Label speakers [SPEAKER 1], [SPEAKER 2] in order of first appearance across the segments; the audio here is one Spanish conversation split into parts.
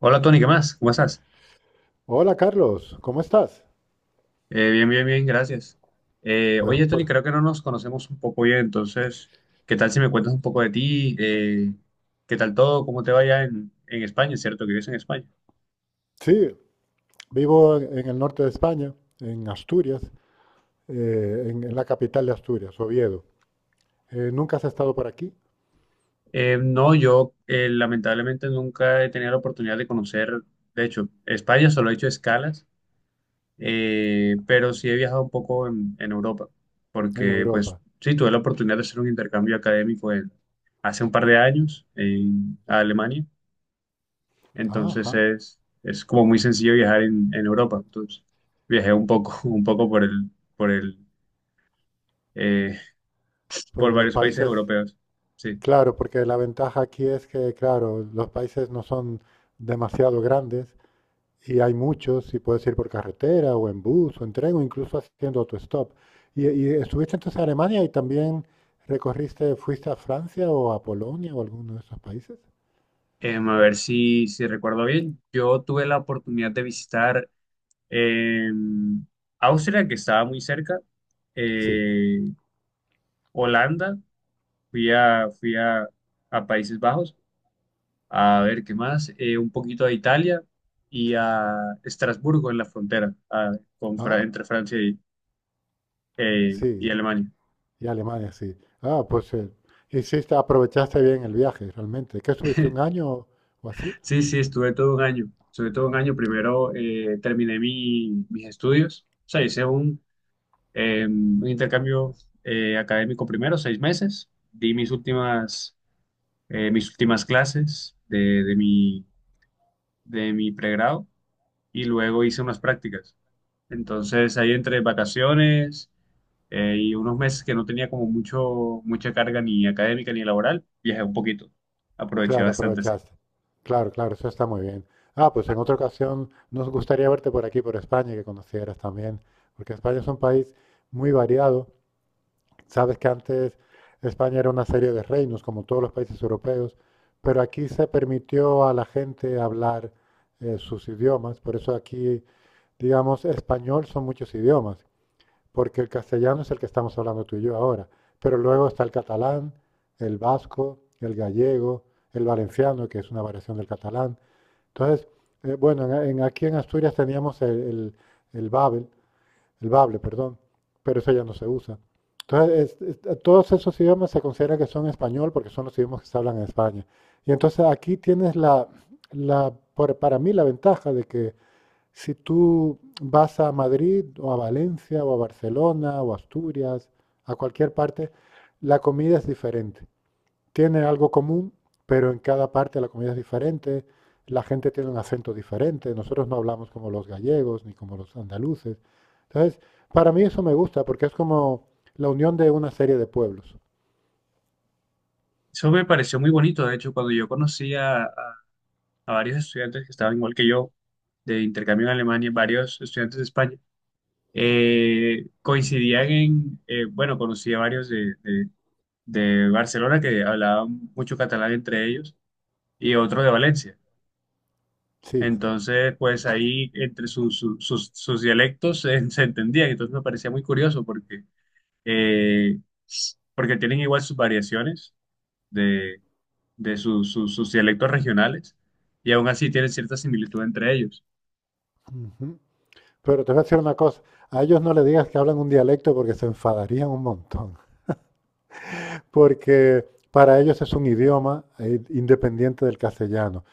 [SPEAKER 1] Hola Tony, ¿qué más? ¿Cómo estás?
[SPEAKER 2] Hola Carlos, ¿cómo estás?
[SPEAKER 1] Bien, bien, bien, gracias. Eh,
[SPEAKER 2] Pues,
[SPEAKER 1] oye Tony,
[SPEAKER 2] por-
[SPEAKER 1] creo que no nos conocemos un poco bien, entonces, ¿qué tal si me cuentas un poco de ti? ¿Qué tal todo? ¿Cómo te va allá en España? ¿Cierto que vives en España?
[SPEAKER 2] sí, vivo en el norte de España, en Asturias, en la capital de Asturias, Oviedo. ¿Nunca has estado por aquí,
[SPEAKER 1] No, yo lamentablemente nunca he tenido la oportunidad de conocer, de hecho, España solo he hecho escalas, pero sí he viajado un poco en Europa,
[SPEAKER 2] en
[SPEAKER 1] porque pues
[SPEAKER 2] Europa?
[SPEAKER 1] sí, tuve la oportunidad de hacer un hace un par de años en Alemania. Entonces
[SPEAKER 2] Ajá,
[SPEAKER 1] es como muy sencillo viajar en Europa. Entonces viajé un poco, un poco por el, eh,
[SPEAKER 2] por
[SPEAKER 1] por
[SPEAKER 2] los
[SPEAKER 1] varios países
[SPEAKER 2] países,
[SPEAKER 1] europeos. Sí.
[SPEAKER 2] claro, porque la ventaja aquí es que, claro, los países no son demasiado grandes. Y hay muchos, y puedes ir por carretera o en bus o en tren o incluso haciendo autostop. Y estuviste entonces en Alemania y también recorriste, fuiste a Francia o a Polonia o alguno de esos países.
[SPEAKER 1] A ver si recuerdo bien. Yo tuve la oportunidad de visitar em, Austria, que estaba muy cerca,
[SPEAKER 2] Sí.
[SPEAKER 1] eh, Holanda, fui a Países Bajos, a ver qué más. Un poquito a Italia y a Estrasburgo en la frontera,
[SPEAKER 2] Ah,
[SPEAKER 1] entre Francia y
[SPEAKER 2] sí.
[SPEAKER 1] Alemania.
[SPEAKER 2] Y Alemania, sí. Ah, pues hiciste, aprovechaste bien el viaje, realmente. ¿Qué estuviste un año o así?
[SPEAKER 1] Sí, sí, estuve todo un año. Estuve todo un año. Primero terminé mis estudios. O sea, hice un intercambio académico primero, 6 meses. Di mis últimas clases de mi, de mi pregrado y luego hice unas prácticas. Entonces, ahí entre vacaciones y unos meses que no tenía como mucho, mucha carga ni académica ni laboral, viajé un poquito. Aproveché
[SPEAKER 2] Claro,
[SPEAKER 1] bastante, sí.
[SPEAKER 2] aprovechaste. Claro, claro, eso está muy bien. Ah, pues en otra ocasión nos gustaría verte por aquí, por España, y que conocieras también, porque España es un país muy variado. Sabes que antes España era una serie de reinos, como todos los países europeos, pero aquí se permitió a la gente hablar sus idiomas, por eso aquí, digamos, español son muchos idiomas, porque el castellano es el que estamos hablando tú y yo ahora, pero luego está el catalán, el vasco, el gallego, el valenciano, que es una variación del catalán. Entonces, bueno, aquí en Asturias teníamos el Babel, el bable, perdón, pero eso ya no se usa. Entonces, todos esos idiomas se considera que son español porque son los idiomas que se hablan en España. Y entonces aquí tienes para mí la ventaja de que si tú vas a Madrid o a Valencia o a Barcelona o a Asturias, a cualquier parte, la comida es diferente. Tiene algo común, pero en cada parte la comida es diferente. La gente tiene un acento diferente. Nosotros no hablamos como los gallegos ni como los andaluces. Entonces, para mí eso me gusta porque es como la unión de una serie de pueblos.
[SPEAKER 1] Eso me pareció muy bonito, de hecho, cuando yo conocí a varios estudiantes que estaban igual que yo, de intercambio en Alemania, varios estudiantes de España, coincidían en, bueno, conocí a varios de Barcelona que hablaban mucho catalán entre ellos y otro de Valencia.
[SPEAKER 2] Sí.
[SPEAKER 1] Entonces, pues ahí entre sus dialectos se entendían, entonces me parecía muy curioso porque, eh, porque tienen igual sus variaciones de sus dialectos regionales y aún así tienen cierta similitud entre ellos.
[SPEAKER 2] Ujú. Pero te voy a decir una cosa, a ellos no le digas que hablan un dialecto porque se enfadarían un montón, porque para ellos es un idioma independiente del castellano.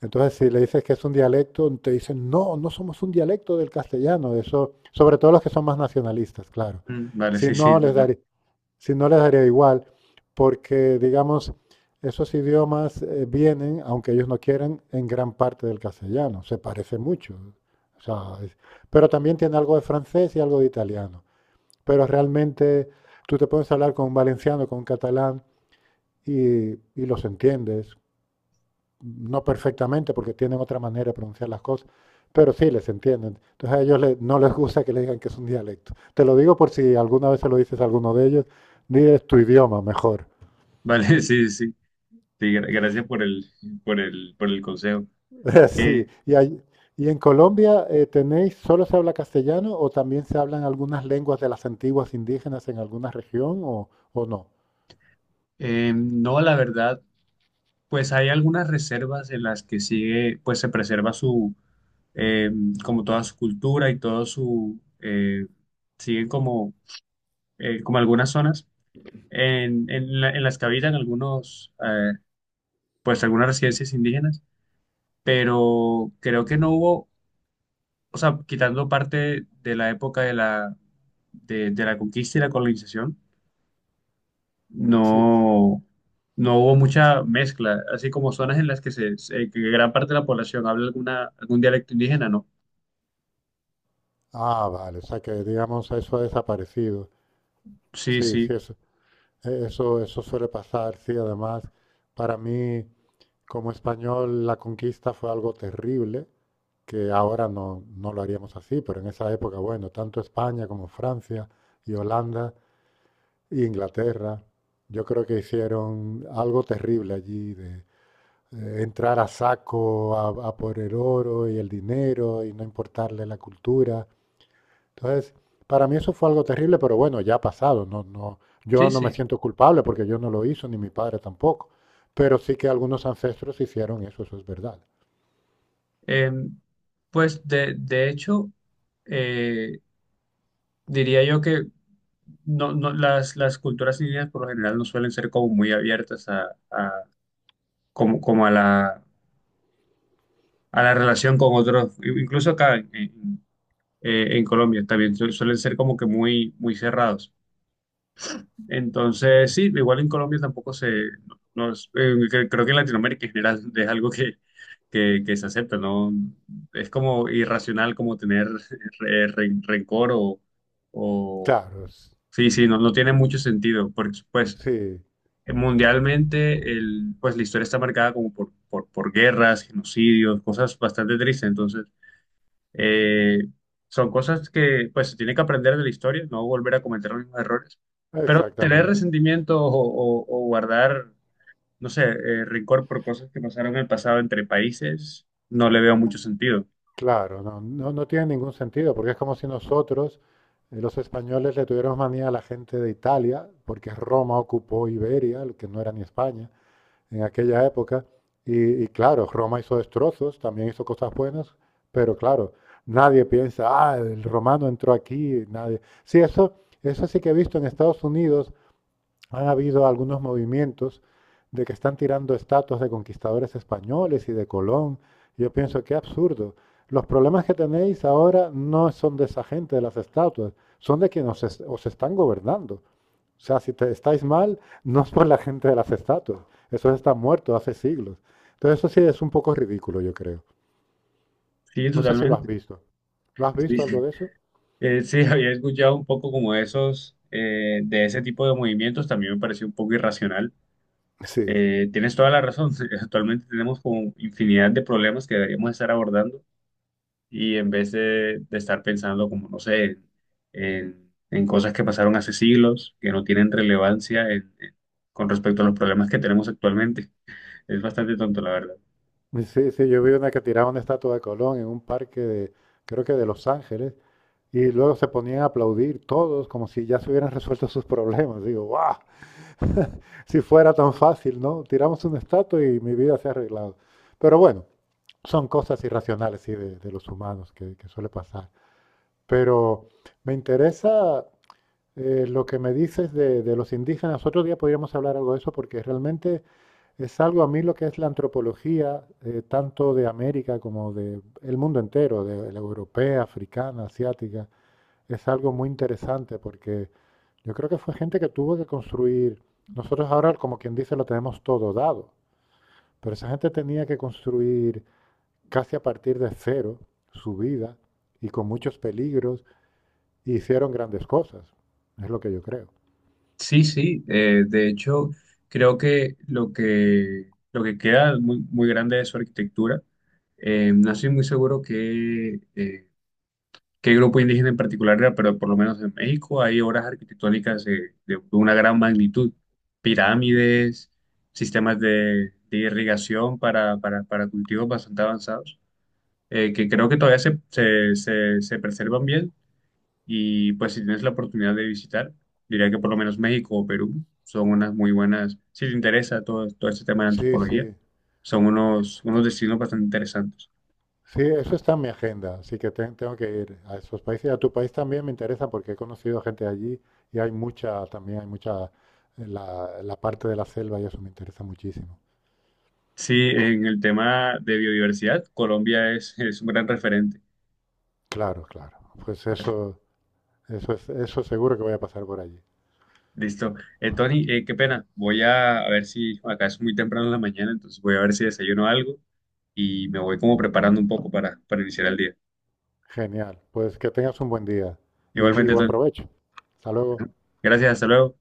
[SPEAKER 2] Entonces, si le dices que es un dialecto, te dicen, no, no somos un dialecto del castellano, eso, sobre todo los que son más nacionalistas, claro.
[SPEAKER 1] Vale,
[SPEAKER 2] Si
[SPEAKER 1] sí, sí,
[SPEAKER 2] no
[SPEAKER 1] no,
[SPEAKER 2] les
[SPEAKER 1] no.
[SPEAKER 2] daría, si no les daría igual, porque, digamos, esos idiomas vienen, aunque ellos no quieran, en gran parte del castellano, se parece mucho. O sea, es- pero también tiene algo de francés y algo de italiano. Pero realmente tú te puedes hablar con un valenciano, con un catalán y los entiendes, no perfectamente porque tienen otra manera de pronunciar las cosas, pero sí les entienden. Entonces a ellos le- no les gusta que les digan que es un dialecto. Te lo digo por si alguna vez se lo dices a alguno de ellos, diles tu idioma mejor.
[SPEAKER 1] Vale, sí, sí. Sí, gracias por por el consejo.
[SPEAKER 2] Sí,
[SPEAKER 1] Eh,
[SPEAKER 2] y, ahí- y en Colombia tenéis, ¿solo se habla castellano o también se hablan algunas lenguas de las antiguas indígenas en alguna región o no?
[SPEAKER 1] no, la verdad, pues hay algunas reservas en las que sigue, pues se preserva su, eh, como toda su cultura y todo su, siguen como, como algunas zonas en las que habitan algunos, pues algunas residencias indígenas, pero creo que no hubo, o sea, quitando parte de la época de la, de la conquista y la colonización,
[SPEAKER 2] Sí.
[SPEAKER 1] no, no hubo mucha mezcla, así como zonas en las que, que gran parte de la población habla alguna, algún dialecto indígena, no.
[SPEAKER 2] Ah, vale, o sea que digamos eso ha desaparecido.
[SPEAKER 1] Sí,
[SPEAKER 2] Sí,
[SPEAKER 1] sí,
[SPEAKER 2] sí, eso, eso, eso suele pasar, sí, además, para mí... Como español, la conquista fue algo terrible, que ahora no, no lo haríamos así, pero en esa época, bueno, tanto España como Francia y Holanda e Inglaterra, yo creo que hicieron algo terrible allí de entrar a saco a por el oro y el dinero y no importarle la cultura. Entonces, para mí eso fue algo terrible, pero bueno, ya ha pasado. No, no, yo
[SPEAKER 1] sí,
[SPEAKER 2] no me
[SPEAKER 1] sí.
[SPEAKER 2] siento culpable porque yo no lo hice, ni mi padre tampoco. Pero sí que algunos ancestros hicieron eso, eso es verdad.
[SPEAKER 1] Eh, pues de hecho, eh, diría yo que no, no, las culturas indígenas por lo general no suelen ser como muy abiertas como, como a la relación con otros, incluso acá en Colombia también suelen ser como que muy, muy cerrados. Entonces,
[SPEAKER 2] Mm,
[SPEAKER 1] sí, igual en Colombia tampoco se, no, creo que en Latinoamérica en general es algo que se acepta, ¿no? Es como irracional como tener rencor o,
[SPEAKER 2] claro, s-
[SPEAKER 1] sí, sí, no, no tiene mucho sentido, porque pues
[SPEAKER 2] sí,
[SPEAKER 1] mundialmente el, pues la historia está marcada como por guerras, genocidios, cosas bastante tristes, entonces... Eh, Son cosas que pues se tiene que aprender de la historia, no volver a cometer los mismos errores, pero tener
[SPEAKER 2] exactamente.
[SPEAKER 1] resentimiento o guardar, no sé, rencor por cosas que pasaron en el pasado entre países, no le veo mucho sentido.
[SPEAKER 2] Claro, no, no, no tiene ningún sentido, porque es como si nosotros, los españoles, le tuviéramos manía a la gente de Italia, porque Roma ocupó Iberia, lo que no era ni España, en aquella época. Y claro, Roma hizo destrozos, también hizo cosas buenas, pero claro, nadie piensa, ah, el romano entró aquí, nadie. Sí, eso sí que he visto en Estados Unidos. Han habido algunos movimientos de que están tirando estatuas de conquistadores españoles y de Colón. Yo pienso, qué absurdo. Los problemas que tenéis ahora no son de esa gente, de las estatuas, son de quienes os están gobernando. O sea, si te estáis mal, no es por la gente de las estatuas. Eso está muerto hace siglos. Entonces eso sí es un poco ridículo, yo creo.
[SPEAKER 1] Sí,
[SPEAKER 2] No sé si lo has
[SPEAKER 1] totalmente.
[SPEAKER 2] visto. ¿Lo has visto algo
[SPEAKER 1] Sí,
[SPEAKER 2] de eso?
[SPEAKER 1] Sí, había escuchado un poco como esos, de ese tipo de movimientos, también me pareció un poco irracional.
[SPEAKER 2] Sí.
[SPEAKER 1] Tienes toda la razón, actualmente tenemos como infinidad de problemas que deberíamos estar abordando y en vez de estar pensando como, no sé, en, en cosas que pasaron hace siglos, que no tienen relevancia con respecto a los problemas que tenemos actualmente. Es bastante tonto, la verdad.
[SPEAKER 2] Sí, sí, yo vi una que tiraba una estatua de Colón en un parque de, creo que de Los Ángeles, y luego se ponían a aplaudir todos como si ya se hubieran resuelto sus problemas. Digo, ¡guau! Si fuera tan fácil, ¿no? Tiramos una estatua y mi vida se ha arreglado. Pero bueno, son cosas irracionales sí, de los humanos que suele pasar. Pero me interesa lo que me dices de los indígenas. Otro día podríamos hablar algo de eso porque realmente es algo a mí lo que es la antropología, tanto de América como de el mundo entero, de la europea, africana, asiática es algo muy interesante porque yo creo que fue gente que tuvo que construir, nosotros ahora como quien dice lo tenemos todo dado, pero esa gente tenía que construir casi a partir de cero su vida y con muchos peligros y hicieron grandes cosas, es lo que yo creo.
[SPEAKER 1] Sí, sí, de hecho, creo que lo que queda muy, muy grande de su arquitectura, no estoy muy seguro que qué grupo indígena en particular era, pero por lo menos en México hay obras arquitectónicas, de una gran magnitud, pirámides, sistemas de irrigación para cultivos bastante avanzados, que creo que todavía se preservan bien, y pues si tienes la oportunidad de visitar, diría que por lo menos México o Perú son unas muy buenas, si te interesa todo, todo este tema de
[SPEAKER 2] Sí,
[SPEAKER 1] antropología,
[SPEAKER 2] sí,
[SPEAKER 1] son unos, unos destinos bastante interesantes.
[SPEAKER 2] sí, eso está en mi agenda, así que te- tengo que ir a esos países. A tu país también me interesa porque he conocido gente allí y hay mucha, también hay mucha, la parte de la selva y eso me interesa muchísimo.
[SPEAKER 1] Sí, en el tema de biodiversidad, Colombia es un gran referente.
[SPEAKER 2] Claro, claro. Pues eso es, eso seguro que voy a pasar por allí.
[SPEAKER 1] Listo. Tony, qué pena. Voy a ver si acá es muy temprano en la mañana, entonces voy a ver si desayuno algo y me voy como preparando un poco para iniciar el día.
[SPEAKER 2] Genial. Pues que tengas un buen día y
[SPEAKER 1] Igualmente,
[SPEAKER 2] buen
[SPEAKER 1] Tony.
[SPEAKER 2] provecho. Hasta luego.
[SPEAKER 1] Gracias, hasta luego.